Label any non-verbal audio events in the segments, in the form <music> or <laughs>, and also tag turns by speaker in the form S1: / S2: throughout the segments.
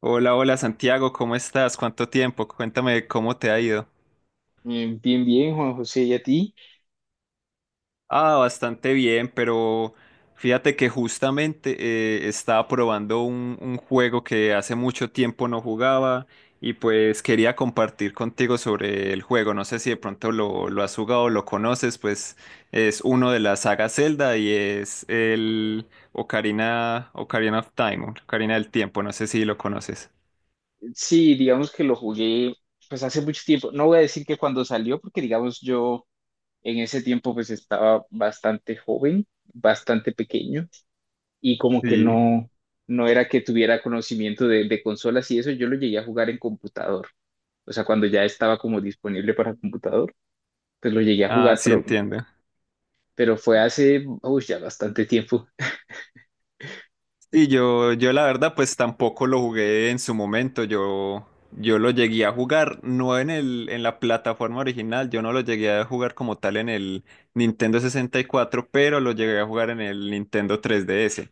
S1: Hola, hola Santiago, ¿cómo estás? ¿Cuánto tiempo? Cuéntame cómo te ha ido.
S2: Bien, bien, Juan José, ¿y a ti?
S1: Ah, bastante bien, pero fíjate que justamente estaba probando un juego que hace mucho tiempo no jugaba y pues quería compartir contigo sobre el juego. No sé si de pronto lo has jugado o lo conoces, pues es uno de la saga Zelda y es el Ocarina, Ocarina of Time, Ocarina del Tiempo, no sé si lo conoces.
S2: Sí, digamos que lo jugué pues hace mucho tiempo. No voy a decir que cuando salió, porque digamos yo en ese tiempo pues estaba bastante joven, bastante pequeño y como que
S1: Sí,
S2: no, no era que tuviera conocimiento de consolas y eso, yo lo llegué a jugar en computador. O sea, cuando ya estaba como disponible para computador, pues lo llegué a
S1: ah,
S2: jugar,
S1: sí entiendo.
S2: pero fue hace, uy, ya bastante tiempo.
S1: Sí, yo la verdad pues tampoco lo jugué en su momento, yo lo llegué a jugar, no en la plataforma original, yo no lo llegué a jugar como tal en el Nintendo 64, pero lo llegué a jugar en el Nintendo 3DS.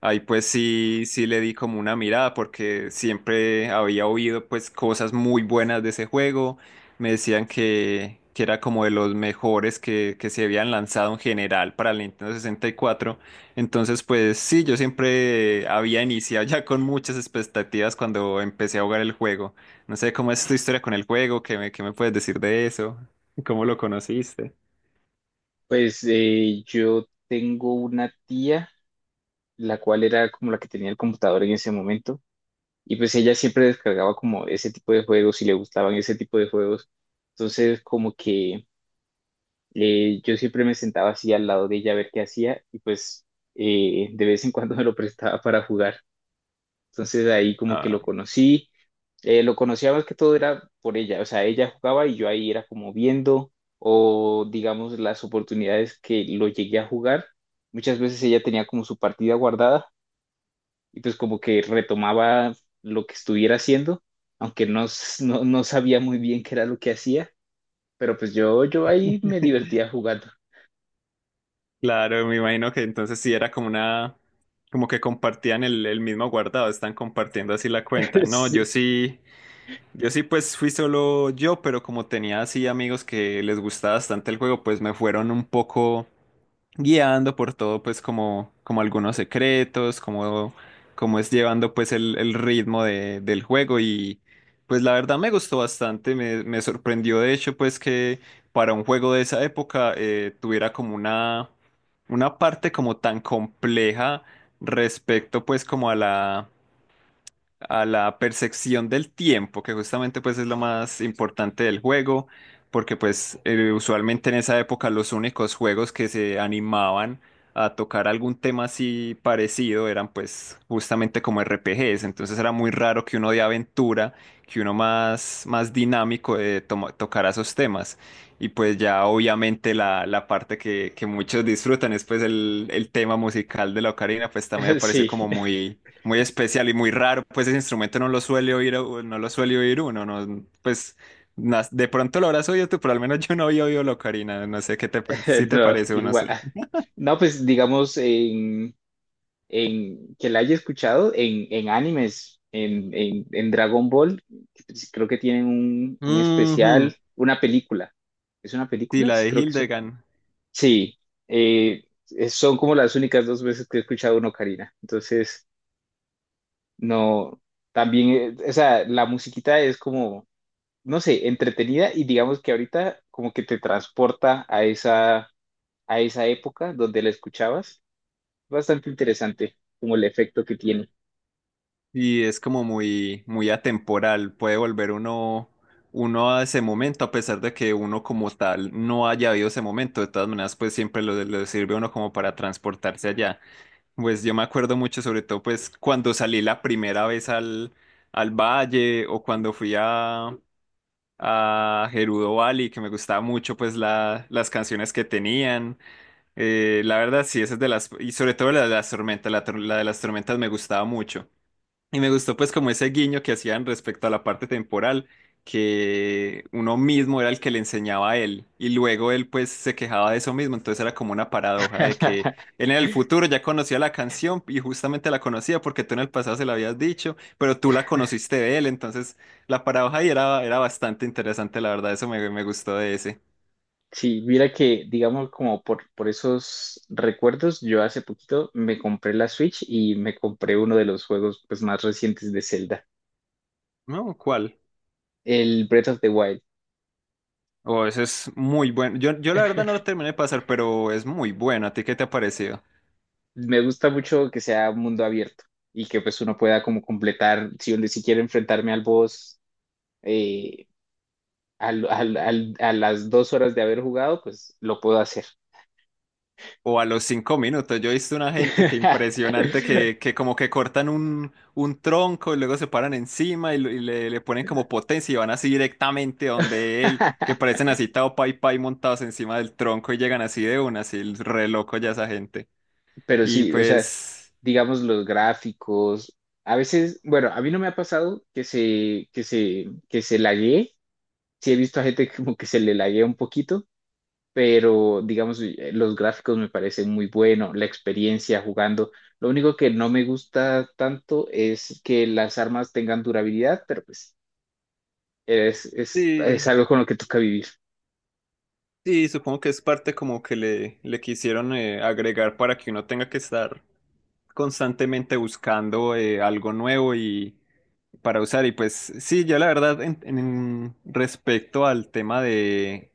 S1: Ahí pues sí, sí le di como una mirada porque siempre había oído pues cosas muy buenas de ese juego, me decían que era como de los mejores que se habían lanzado en general para el Nintendo 64. Entonces, pues sí, yo siempre había iniciado ya con muchas expectativas cuando empecé a jugar el juego. No sé cómo es tu historia con el juego, qué me puedes decir de eso, <laughs> cómo lo conociste.
S2: Pues yo tengo una tía, la cual era como la que tenía el computador en ese momento. Y pues ella siempre descargaba como ese tipo de juegos y le gustaban ese tipo de juegos. Entonces como que yo siempre me sentaba así al lado de ella a ver qué hacía y pues de vez en cuando <laughs> me lo prestaba para jugar. Entonces ahí como que
S1: Ah,
S2: lo conocí. Lo conocía más que todo era por ella, o sea, ella jugaba y yo ahí era como viendo o digamos las oportunidades que lo llegué a jugar. Muchas veces ella tenía como su partida guardada y pues como que retomaba lo que estuviera haciendo, aunque no sabía muy bien qué era lo que hacía, pero pues yo ahí me divertía jugando.
S1: claro, me imagino que entonces sí era como una, como que compartían el mismo guardado, están compartiendo así la cuenta.
S2: <laughs>
S1: No, yo
S2: Sí.
S1: sí, yo sí pues fui solo yo, pero como tenía así amigos que les gustaba bastante el juego, pues me fueron un poco guiando por todo, pues como algunos secretos, como es llevando pues el ritmo del juego. Y pues la verdad me gustó bastante, me sorprendió de hecho pues que para un juego de esa época tuviera como una parte como tan compleja respecto pues como a la percepción del tiempo, que justamente pues es lo más importante del juego, porque pues usualmente en esa época los únicos juegos que se animaban a tocar algún tema así parecido eran pues justamente como RPGs, entonces era muy raro que uno de aventura, que uno más dinámico tocara esos temas. Y pues ya obviamente la parte que muchos disfrutan es pues el tema musical de la ocarina, pues también me
S2: <laughs>
S1: pareció
S2: Sí.
S1: como muy muy especial y muy raro, pues ese instrumento no lo suele oír, uno, no, pues de pronto lo habrás oído tú, pero al menos yo no había oído la ocarina, no sé si
S2: <laughs>
S1: te
S2: No,
S1: parece o no.
S2: igual. No, pues digamos en que la haya escuchado en animes, en Dragon Ball, creo que tienen un
S1: Ujú.
S2: especial, una película. ¿Es una
S1: Sí,
S2: película?
S1: la
S2: Sí,
S1: de
S2: creo que es.
S1: Hildegard.
S2: Sí, eh, es- son como las únicas dos veces que he escuchado una ocarina. Entonces, no, también, o sea, la musiquita es como, no sé, entretenida y digamos que ahorita como que te transporta a esa época donde la escuchabas. Bastante interesante como el efecto que tiene.
S1: Y es como muy, muy atemporal. Puede volver uno a ese momento, a pesar de que uno como tal no haya habido ese momento. De todas maneras, pues siempre lo sirve a uno como para transportarse allá. Pues yo me acuerdo mucho, sobre todo, pues cuando salí la primera vez al valle o cuando fui a Gerudo Valley, que me gustaba mucho, pues las canciones que tenían. La verdad, sí, esa es de las, y sobre todo la de las tormentas, la de las tormentas me gustaba mucho. Y me gustó pues como ese guiño que hacían respecto a la parte temporal, que uno mismo era el que le enseñaba a él y luego él pues se quejaba de eso mismo, entonces era como una paradoja de que
S2: <laughs>
S1: él en el futuro ya conocía la canción y justamente la conocía porque tú en el pasado se la habías dicho, pero tú la conociste de él, entonces la paradoja ahí era bastante interesante, la verdad, eso me gustó de ese.
S2: Sí, mira que, digamos, como por esos recuerdos, yo hace poquito me compré la Switch y me compré uno de los juegos pues, más recientes de Zelda,
S1: No, ¿cuál?
S2: el Breath of the Wild.
S1: Oh, ese es muy bueno. Yo la verdad no lo terminé de pasar, pero es muy bueno. ¿A ti qué te ha parecido?
S2: Me gusta mucho que sea mundo abierto y que pues uno pueda como completar, si, uno- si quiero enfrentarme al boss eh, a las dos horas de haber jugado, pues lo puedo hacer.
S1: O a los 5 minutos. Yo he visto una gente que impresionante
S2: <laughs>
S1: que como que cortan un tronco y luego se paran encima y le ponen como potencia y van así directamente donde él, que parecen así Tao Pai Pai montados encima del tronco y llegan así de una, así el re loco ya esa gente.
S2: Pero
S1: Y
S2: sí, o sea,
S1: pues
S2: digamos los gráficos, a veces, bueno, a mí no me ha pasado que se laguee, sí he visto a gente como que se le laguea un poquito pero digamos, los gráficos me parecen muy buenos, la experiencia jugando. Lo único que no me gusta tanto es que las armas tengan durabilidad, pero pues es
S1: sí,
S2: algo con lo que toca vivir.
S1: sí, supongo que es parte como que le quisieron agregar para que uno tenga que estar constantemente buscando algo nuevo y para usar. Y pues sí, yo la verdad, respecto al tema de,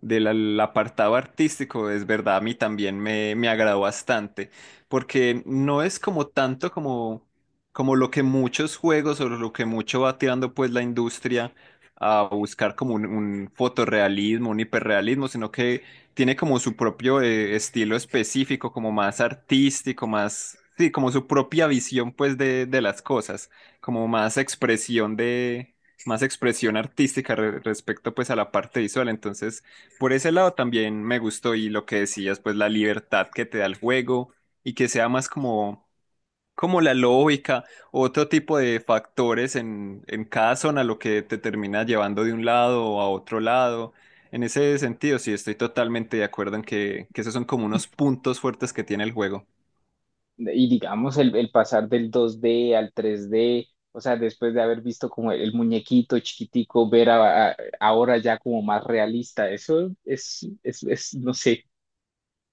S1: del al- apartado artístico, es verdad, a mí también me agradó bastante, porque no es como tanto como lo que muchos juegos o lo que mucho va tirando pues la industria a buscar como un fotorrealismo, un hiperrealismo, sino que tiene como su propio estilo específico, como más artístico, más, sí, como su propia visión pues de las cosas como más expresión artística respecto pues a la parte visual. Entonces, por ese lado también me gustó y lo que decías, pues la libertad que te da el juego y que sea más como la lógica, otro tipo de factores en cada zona, lo que te termina llevando de un lado a otro lado. En ese sentido, sí, estoy totalmente de acuerdo en que esos son como unos puntos fuertes que tiene el juego.
S2: Y digamos, el pasar del 2D al 3D, o sea, después de haber visto como el muñequito chiquitico, ver a- ahora ya como más realista, eso es, no sé,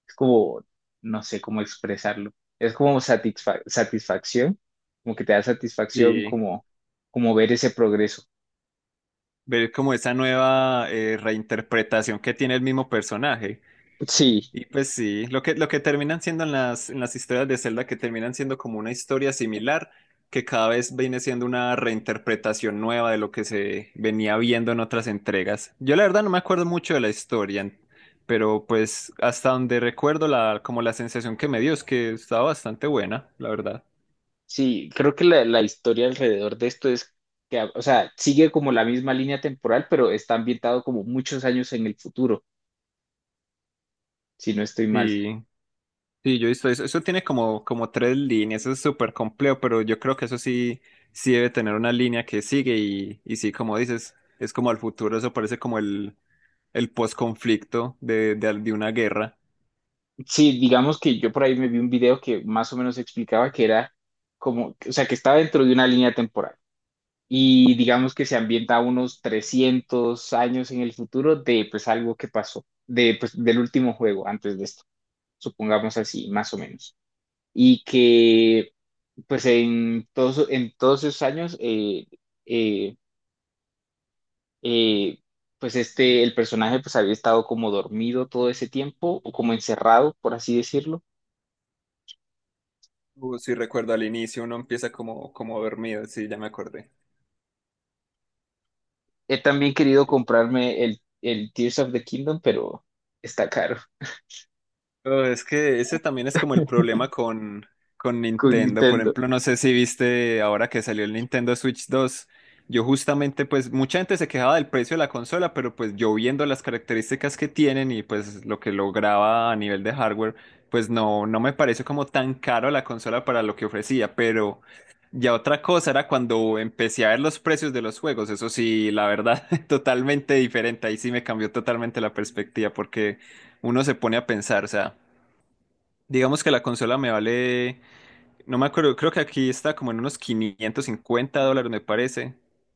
S2: es como, no sé cómo expresarlo, es como satisfa- satisfacción, como que te da satisfacción
S1: Sí.
S2: como, como ver ese progreso.
S1: Ver como esa nueva reinterpretación que tiene el mismo personaje.
S2: Sí,
S1: Y pues sí, lo que terminan siendo en las historias de Zelda, que terminan siendo como una historia similar, que cada vez viene siendo una reinterpretación nueva de lo que se venía viendo en otras entregas. Yo la verdad no me acuerdo mucho de la historia, pero pues hasta donde recuerdo como la sensación que me dio es que estaba bastante buena, la verdad.
S2: sí, creo que la historia alrededor de esto es que, o sea, sigue como la misma línea temporal, pero está ambientado como muchos años en el futuro, si no estoy mal.
S1: Sí, sí, yo he visto eso. Eso tiene como tres líneas, eso es súper complejo, pero yo creo que eso sí, sí debe tener una línea que sigue y sí, como dices, es como al futuro, eso parece como el post-conflicto de una guerra.
S2: Sí, digamos que yo por ahí me vi un video que más o menos explicaba que era como, o sea, que estaba dentro de una línea temporal y digamos que se ambienta unos 300 años en el futuro de pues algo que pasó, de, pues, del último juego antes de esto, supongamos así, más o menos. Y que pues en todos esos años, eh, eh, pues este, el personaje pues había estado como dormido todo ese tiempo, o como encerrado, por así decirlo.
S1: O si recuerdo al inicio, uno empieza como dormido, sí, ya me acordé.
S2: He también querido comprarme el Tears of the Kingdom, pero está caro
S1: Oh, es que ese también es como el problema con
S2: con
S1: Nintendo. Por
S2: Nintendo.
S1: ejemplo, no sé si viste ahora que salió el Nintendo Switch 2. Yo justamente, pues mucha gente se quejaba del precio de la consola, pero pues yo viendo las características que tienen y pues lo que lograba a nivel de hardware, pues no me pareció como tan caro la consola para lo que ofrecía. Pero ya otra cosa era cuando empecé a ver los precios de los juegos. Eso sí, la verdad, <laughs> totalmente diferente. Ahí sí me cambió totalmente la perspectiva porque uno se pone a pensar, o sea. Digamos que la consola me vale, no me acuerdo, creo que aquí está como en unos $550, me parece.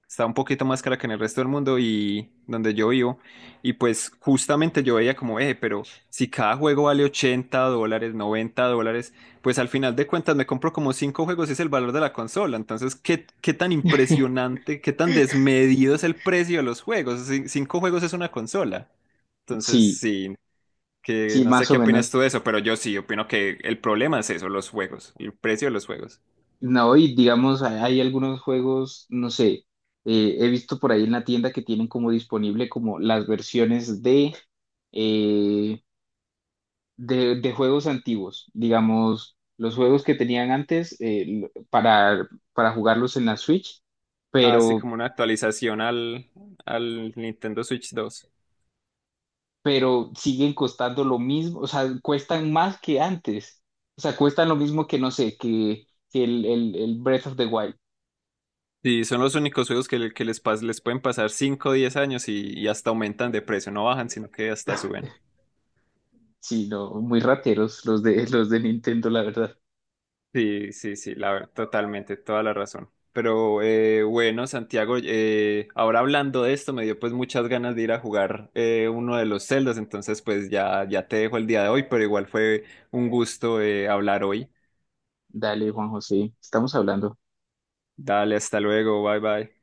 S1: Está un poquito más cara que en el resto del mundo y donde yo vivo. Y pues justamente yo veía como, pero si cada juego vale $80, $90, pues al final de cuentas me compro como 5 juegos y es el valor de la consola. Entonces, ¿qué tan impresionante, qué tan desmedido es el precio de los juegos? Cinco juegos es una consola. Entonces,
S2: Sí,
S1: sí que
S2: sí,
S1: no sé
S2: más o
S1: qué opinas
S2: menos.
S1: tú de eso, pero yo sí opino que el problema es eso, los juegos, el precio de los juegos.
S2: No, y digamos, hay algunos juegos, no sé, he visto por ahí en la tienda que tienen como disponible como las versiones de, eh, de juegos antiguos, digamos, los juegos que tenían antes para jugarlos en la Switch,
S1: Así
S2: pero,
S1: como una actualización al Nintendo Switch 2.
S2: pero siguen costando lo mismo, o sea, cuestan más que antes, o sea, cuestan lo mismo que, no sé, el Breath of the Wild,
S1: Sí, son los únicos juegos que les pueden pasar 5 o 10 años y hasta aumentan de precio, no bajan, sino que hasta suben.
S2: sí, no, muy rateros los de, <laughs> los de Nintendo, la verdad.
S1: Sí, sí, sí, totalmente, toda la razón. Pero bueno, Santiago, ahora hablando de esto, me dio pues muchas ganas de ir a jugar uno de los celdas, entonces pues ya, ya te dejo el día de hoy, pero igual fue un gusto hablar hoy.
S2: Dale, Juan José, estamos hablando.
S1: Dale, hasta luego, bye bye.